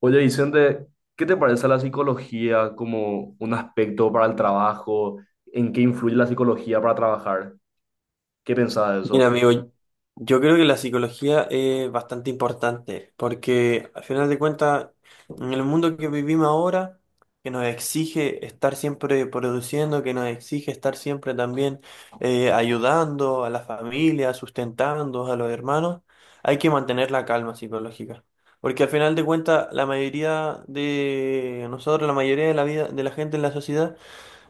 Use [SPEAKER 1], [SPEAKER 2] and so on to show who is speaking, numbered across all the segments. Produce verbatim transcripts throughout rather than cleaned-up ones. [SPEAKER 1] Oye, Vicente, ¿qué te parece la psicología como un aspecto para el trabajo? ¿En qué influye la psicología para trabajar? ¿Qué pensás de eso?
[SPEAKER 2] Mira, amigo, yo creo que la psicología es bastante importante porque al final de cuentas, en el mundo que vivimos ahora, que nos exige estar siempre produciendo, que nos exige estar siempre también eh, ayudando a la familia, sustentando a los hermanos, hay que mantener la calma psicológica. Porque al final de cuentas, la mayoría de nosotros, la mayoría de la vida de la gente en la sociedad,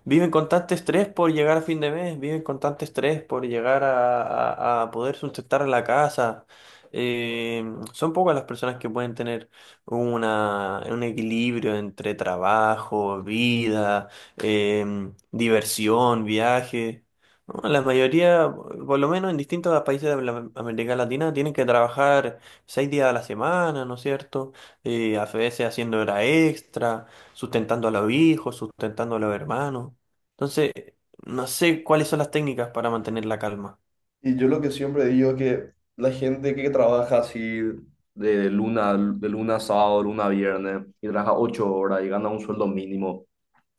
[SPEAKER 2] viven con tanto estrés por llegar a fin de mes, viven con tanto estrés por llegar a, a- a poder sustentar la casa. Eh, Son pocas las personas que pueden tener una, un equilibrio entre trabajo, vida, em, diversión, viaje. ¿No? La mayoría, por lo menos en distintos países de la- América Latina, tienen que trabajar seis días a la semana, ¿no es cierto? Eh, a veces haciendo hora extra, sustentando a los hijos, sustentando a los hermanos. Entonces, no sé cuáles son las técnicas para mantener la calma.
[SPEAKER 1] Y yo lo que siempre digo es que la gente que trabaja así, De luna, de luna a sábado, luna a viernes, y trabaja ocho horas y gana un sueldo mínimo,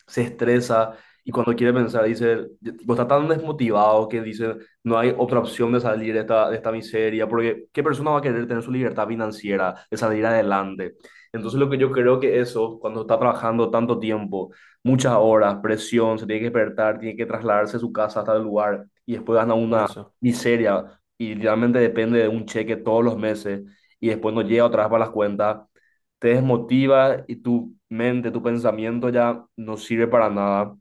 [SPEAKER 1] se estresa y cuando quiere pensar dice, tipo, está tan desmotivado que dice, no hay otra opción de salir de esta, de esta miseria, porque ¿qué persona va a querer tener su libertad financiera, de salir adelante? Entonces lo que yo creo que eso, cuando está trabajando tanto tiempo, muchas horas, presión, se tiene que despertar, tiene que trasladarse de su casa hasta el lugar y después gana una
[SPEAKER 2] Eso.
[SPEAKER 1] miseria y literalmente depende de un cheque todos los meses y después no llega otra vez para las cuentas, te desmotiva y tu mente, tu pensamiento ya no sirve para nada.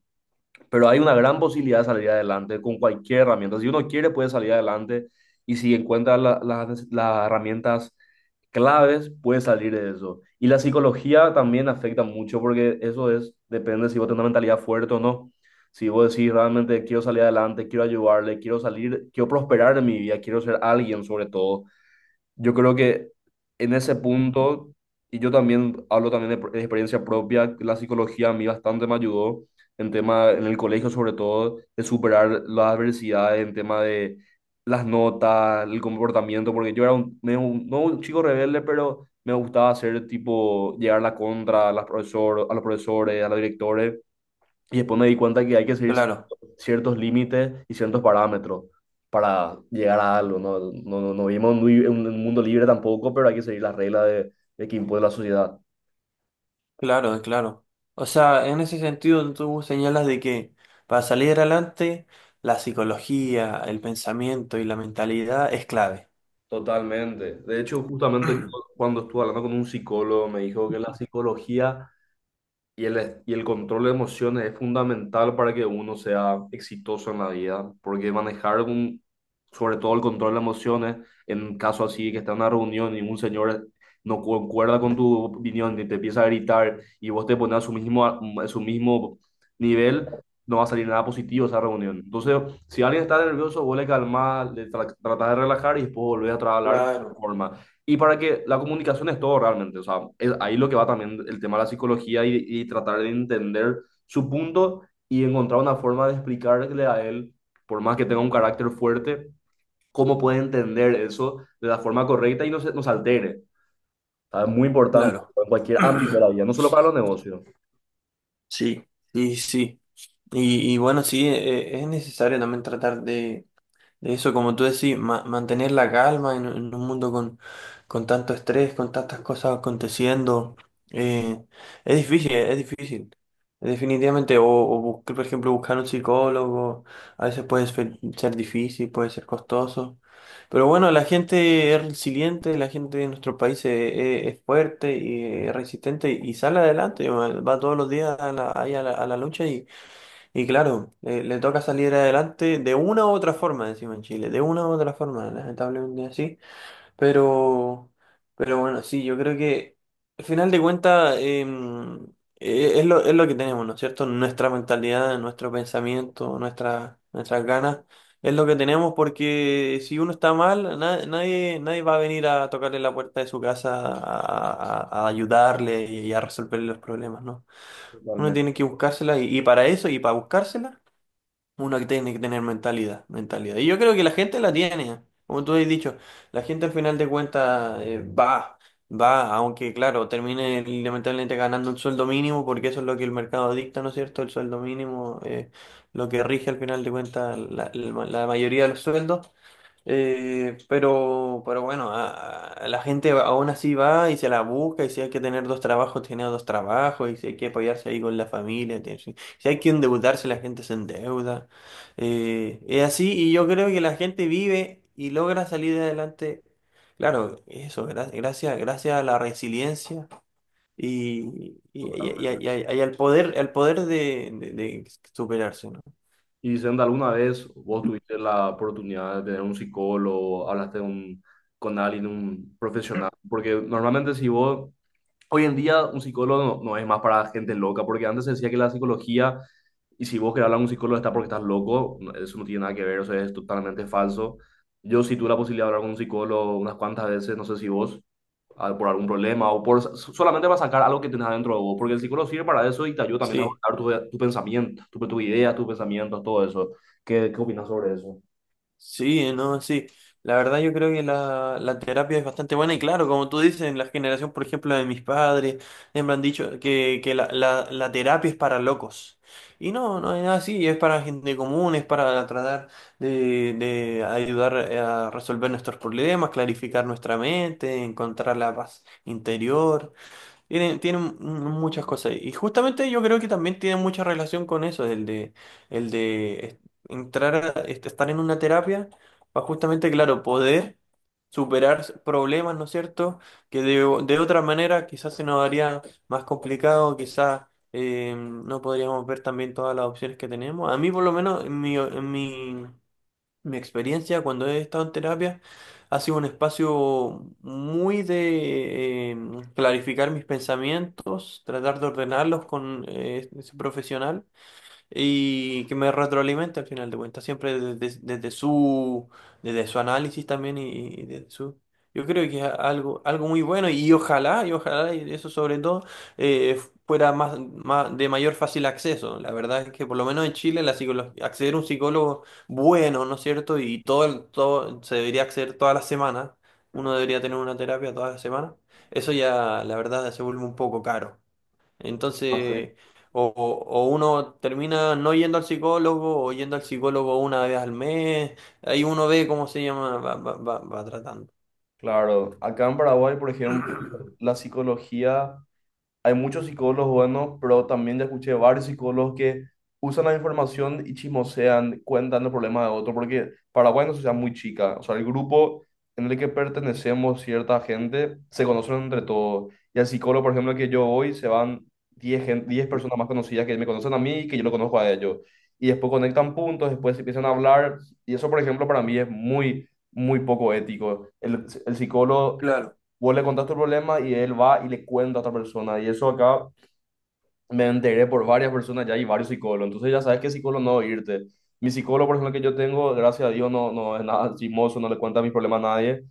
[SPEAKER 1] Pero hay una gran posibilidad de salir adelante con cualquier herramienta. Si uno quiere, puede salir adelante y si encuentra la- las las herramientas claves, puede salir de eso. Y la psicología también afecta mucho porque eso es, depende si vos tenés una mentalidad fuerte o no. Si vos decís realmente quiero salir adelante, quiero ayudarle, quiero salir, quiero prosperar en mi vida, quiero ser alguien. Sobre todo yo creo que en ese punto, y yo también hablo también de, de experiencia propia, la psicología a mí bastante me ayudó en tema, en el colegio sobre todo, de superar las adversidades, en tema de las notas, el comportamiento, porque yo era un, medio un- no un chico rebelde, pero me gustaba hacer tipo, llegar la contra a las profesor, a los profesores, a los directores, y después me di cuenta que hay que seguir
[SPEAKER 2] Claro,
[SPEAKER 1] ciertos límites y ciertos parámetros para llegar a algo, ¿no? No, no, no vivimos en un, li- en un mundo libre tampoco, pero hay que seguir las reglas de, de que impone la sociedad.
[SPEAKER 2] claro, claro. O sea, en ese sentido tú señalas de que para salir adelante, la psicología, el pensamiento y la mentalidad es clave.
[SPEAKER 1] Totalmente. De hecho, justamente yo, cuando estuve hablando con un psicólogo, me dijo que la psicología y el, y el control de emociones es fundamental para que uno sea exitoso en la vida, porque manejar un, sobre todo el control de emociones, en caso así que está en una reunión y un señor no concuerda con tu opinión y te empieza a gritar y vos te pones a su mismo, a su mismo nivel, no va a salir nada positivo esa reunión. Entonces, si alguien está nervioso, vos le calmás, le tra- tratás de relajar y después volvés a trabajar de otra
[SPEAKER 2] Claro,
[SPEAKER 1] forma. Y para que la comunicación es todo realmente, o sea, es ahí lo que va también el tema de la psicología y, y tratar de entender su punto y encontrar una forma de explicarle a él, por más que tenga un carácter fuerte, cómo puede entender eso de la forma correcta y no se nos altere. O sea, es muy importante
[SPEAKER 2] claro.
[SPEAKER 1] en cualquier ámbito de la vida, no solo para los negocios.
[SPEAKER 2] Sí, sí, sí. Y, y bueno, sí, e- e- es necesario también tratar de eso, como tú decís, ma- mantener la calma en, en un mundo con, con tanto estrés, con tantas cosas aconteciendo, eh, es difícil, es difícil. Definitivamente, o, o buscar, por ejemplo, buscar un psicólogo, a veces puede ser, ser difícil, puede ser costoso. Pero bueno, la gente es resiliente, la gente de nuestro país es, es fuerte y es resistente y sale adelante, va va todos los días a la, ahí a la, a la lucha y claro, eh, le toca salir adelante de una u otra forma, decimos en Chile, de una u otra forma, lamentablemente así. Pero, pero bueno, sí, yo creo que al final de cuentas em, eh, es lo, es lo que tenemos, ¿no es cierto? Nuestra mentalidad, nuestro pensamiento, nuestra, nuestras ganas, es lo que tenemos porque si uno está mal, na- nadie, nadie va a venir a tocarle la puerta de su casa a, a a ayudarle y a resolverle los problemas, ¿no? Uno
[SPEAKER 1] Totalmente,
[SPEAKER 2] tiene que buscársela y, y para eso y para buscársela. Uno que tiene que tener mentalidad, mentalidad. Y yo creo que la gente la tiene, como tú has dicho, la gente al final de cuentas eh, va, va, aunque claro, termine lamentablemente ganando el sueldo mínimo, porque eso es lo que el mercado dicta, ¿no es cierto? El sueldo mínimo, eh, lo que rige al final de cuentas la, la- la mayoría de los sueldos. Eh, pero, pero bueno, a- a- la gente va- aún así va y se la busca, y si hay que tener dos trabajos, tiene dos trabajos, y si hay que apoyarse ahí con la familia, tiene- si si hay que endeudarse, la gente se endeuda. Eh, es así, y yo creo que la gente vive y logra salir adelante. Claro, eso, gra- gracias, gracias a la resiliencia y, y, y- y-
[SPEAKER 1] totalmente.
[SPEAKER 2] y- y al poder, al poder de, de- de superarse, ¿no?
[SPEAKER 1] Y diciendo, ¿alguna vez vos tuviste la oportunidad de tener un psicólogo, hablaste de un- con alguien, un profesional? Porque normalmente si vos, hoy en día un psicólogo no, no es más para gente loca, porque antes se decía que la psicología, y si vos querés hablar a un psicólogo está porque estás loco, no, eso no tiene nada que ver, o sea, es totalmente falso. Yo sí tuve la posibilidad de hablar con un psicólogo unas cuantas veces, no sé si vos, ah, por algún problema o por so, solamente para sacar algo que tenés adentro de vos, porque el psicólogo sirve para eso y te ayuda también a
[SPEAKER 2] Sí.
[SPEAKER 1] abordar tu, tu pensamiento, tu, tus ideas, tus pensamientos, todo eso. ¿Qué, qué opinas sobre eso?
[SPEAKER 2] Sí, no, sí. La verdad yo creo que la, la terapia es bastante buena y claro, como tú dices, en la generación, por ejemplo, de mis padres, siempre han dicho que, que la, la, la terapia es para locos. Y no, no es así, es para gente común, es para tratar de, de ayudar eh, a resolver nuestros problemas, clarificar nuestra mente, encontrar la paz interior. Tiene, tiene m- muchas cosas. Y justamente yo creo que también tiene mucha relación con eso, el de, el de es- entrar, a- est- estar en una terapia para justamente, claro, poder superar s- problemas, ¿no es cierto? Que de, o- de otra manera quizás se nos haría más complicado, quizás eh, no podríamos ver también todas las opciones que tenemos. A mí por lo menos en mi, en mi mi experiencia cuando he estado en terapia ha sido un espacio muy de eh, clarificar mis pensamientos, tratar de ordenarlos con eh, ese profesional y que me retroalimenta al final de cuentas, siempre desde, desde su, desde su análisis también y, y desde su... Yo creo que es algo, algo muy bueno y ojalá, y ojalá, y eso sobre todo, eh, fuera más, más, de mayor fácil acceso. La verdad es que por lo menos en Chile la psicolo- acceder a un psicólogo bueno, ¿no es cierto? Y todo, el- todo se debería acceder todas las semanas. Uno debería tener una terapia todas las semanas. Eso ya, la verdad, se vuelve un poco caro.
[SPEAKER 1] Ah, sí.
[SPEAKER 2] Entonces, o, o- o uno termina no yendo al psicólogo o yendo al psicólogo una vez al mes. Ahí uno ve cómo se llama, va, va, va, va tratando.
[SPEAKER 1] Claro, acá en Paraguay, por ejemplo, la psicología... Hay muchos psicólogos buenos, pero también ya escuché varios psicólogos que usan la información y chismosean, cuentan los problemas de otro, porque Paraguay es una sociedad muy chica. O sea, el grupo en el que pertenecemos cierta gente se conocen entre todos. Y al psicólogo, por ejemplo, al que yo voy, se van diez gen- diez personas más conocidas que me conocen a mí y que yo lo conozco a ellos. Y después conectan puntos, después empiezan a hablar. Y eso, por ejemplo, para mí es muy, muy poco ético. El, el psicólogo,
[SPEAKER 2] Claro,
[SPEAKER 1] vos le contás tu problema y él va y le cuenta a otra persona. Y eso acá me enteré por varias personas ya y varios psicólogos. Entonces ya sabes qué psicólogo no irte. Mi psicólogo, por ejemplo, que yo tengo, gracias a Dios, no, no es nada chismoso, no le cuenta mis problemas a nadie,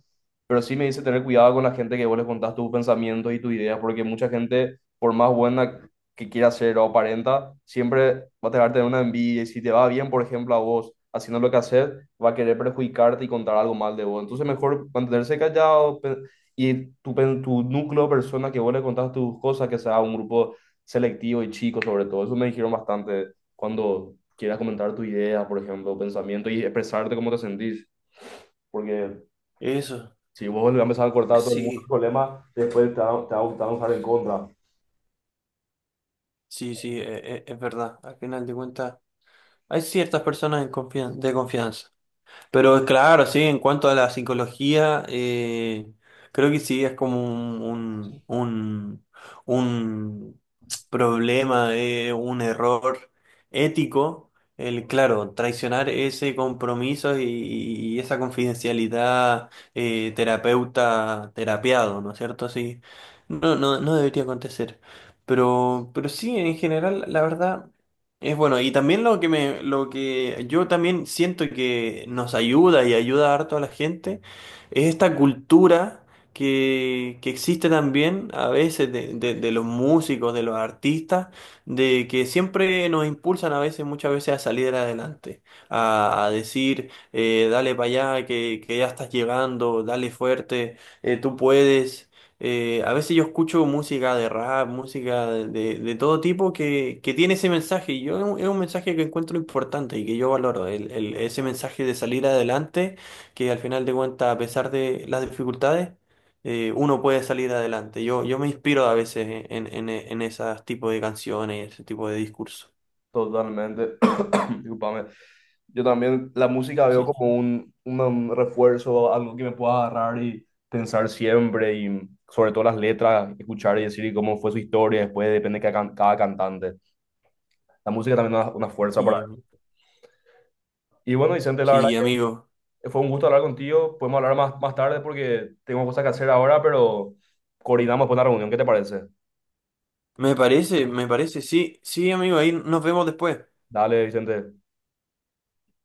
[SPEAKER 1] pero sí me dice tener cuidado con la gente que vos le contás tus pensamientos y tus ideas, porque mucha gente, por más buena que quiera ser o aparenta, siempre va a tratar de una envidia y si te va bien, por ejemplo, a vos haciendo lo que haces, va a querer perjudicarte y contar algo mal de vos. Entonces, mejor mantenerse callado pe- y tu, pen- tu núcleo de personas que vos le contás tus cosas, que sea un grupo selectivo y chico sobre todo. Eso me dijeron bastante, cuando quieras comentar tu idea, por ejemplo, pensamiento y expresarte cómo te sentís, porque
[SPEAKER 2] eso,
[SPEAKER 1] si vos le vas a empezar a cortar a todo el mundo el
[SPEAKER 2] sí,
[SPEAKER 1] problema, después te va, te va a gustar usar en contra.
[SPEAKER 2] sí, sí, e- e- es verdad. Al final de cuentas, hay ciertas personas en confian- de confianza. Pero claro, sí, en cuanto a la psicología, eh, creo que sí es como un, un, un, un problema, eh, un error ético, el, claro, traicionar ese compromiso y, y esa confidencialidad eh, terapeuta terapiado, ¿no es cierto? Sí, no, no, no debería acontecer. Pero, pero sí, en general, la verdad. Es bueno, y también lo que me, lo que yo también siento que nos ayuda y ayuda harto a la gente es esta cultura que, que existe también a veces de, de- de los músicos, de los artistas, de que siempre nos impulsan a veces, muchas veces a salir adelante, a, a decir, eh, dale para allá, que, que ya estás llegando, dale fuerte, eh, tú puedes. Eh, a veces yo escucho música de rap, música de, de- de todo tipo que, que tiene ese mensaje. Y yo es un es un mensaje que encuentro importante y que yo valoro. El, el- ese mensaje de salir adelante, que al final de cuentas, a pesar de las dificultades, eh, uno puede salir adelante. Yo, yo me inspiro a veces en, en, en esos tipos de canciones, ese tipo de discurso.
[SPEAKER 1] Totalmente. discúlpame. Yo también la música veo
[SPEAKER 2] Sí,
[SPEAKER 1] como un, un- un refuerzo, algo que me pueda agarrar y pensar siempre, y sobre todo las letras, escuchar y decir y cómo fue su historia, después depende de cada, can- cada cantante. La música también es una, una fuerza
[SPEAKER 2] y,
[SPEAKER 1] para...
[SPEAKER 2] em,
[SPEAKER 1] Y bueno, Vicente, la verdad
[SPEAKER 2] sí, amigo.
[SPEAKER 1] que fue un gusto hablar contigo. Podemos hablar más, más tarde porque tengo cosas que hacer ahora, pero coordinamos después la reunión. ¿Qué te parece?
[SPEAKER 2] Me parece, me parece. Sí, sí, amigo. Ahí nos vemos después.
[SPEAKER 1] Dale, Vicente.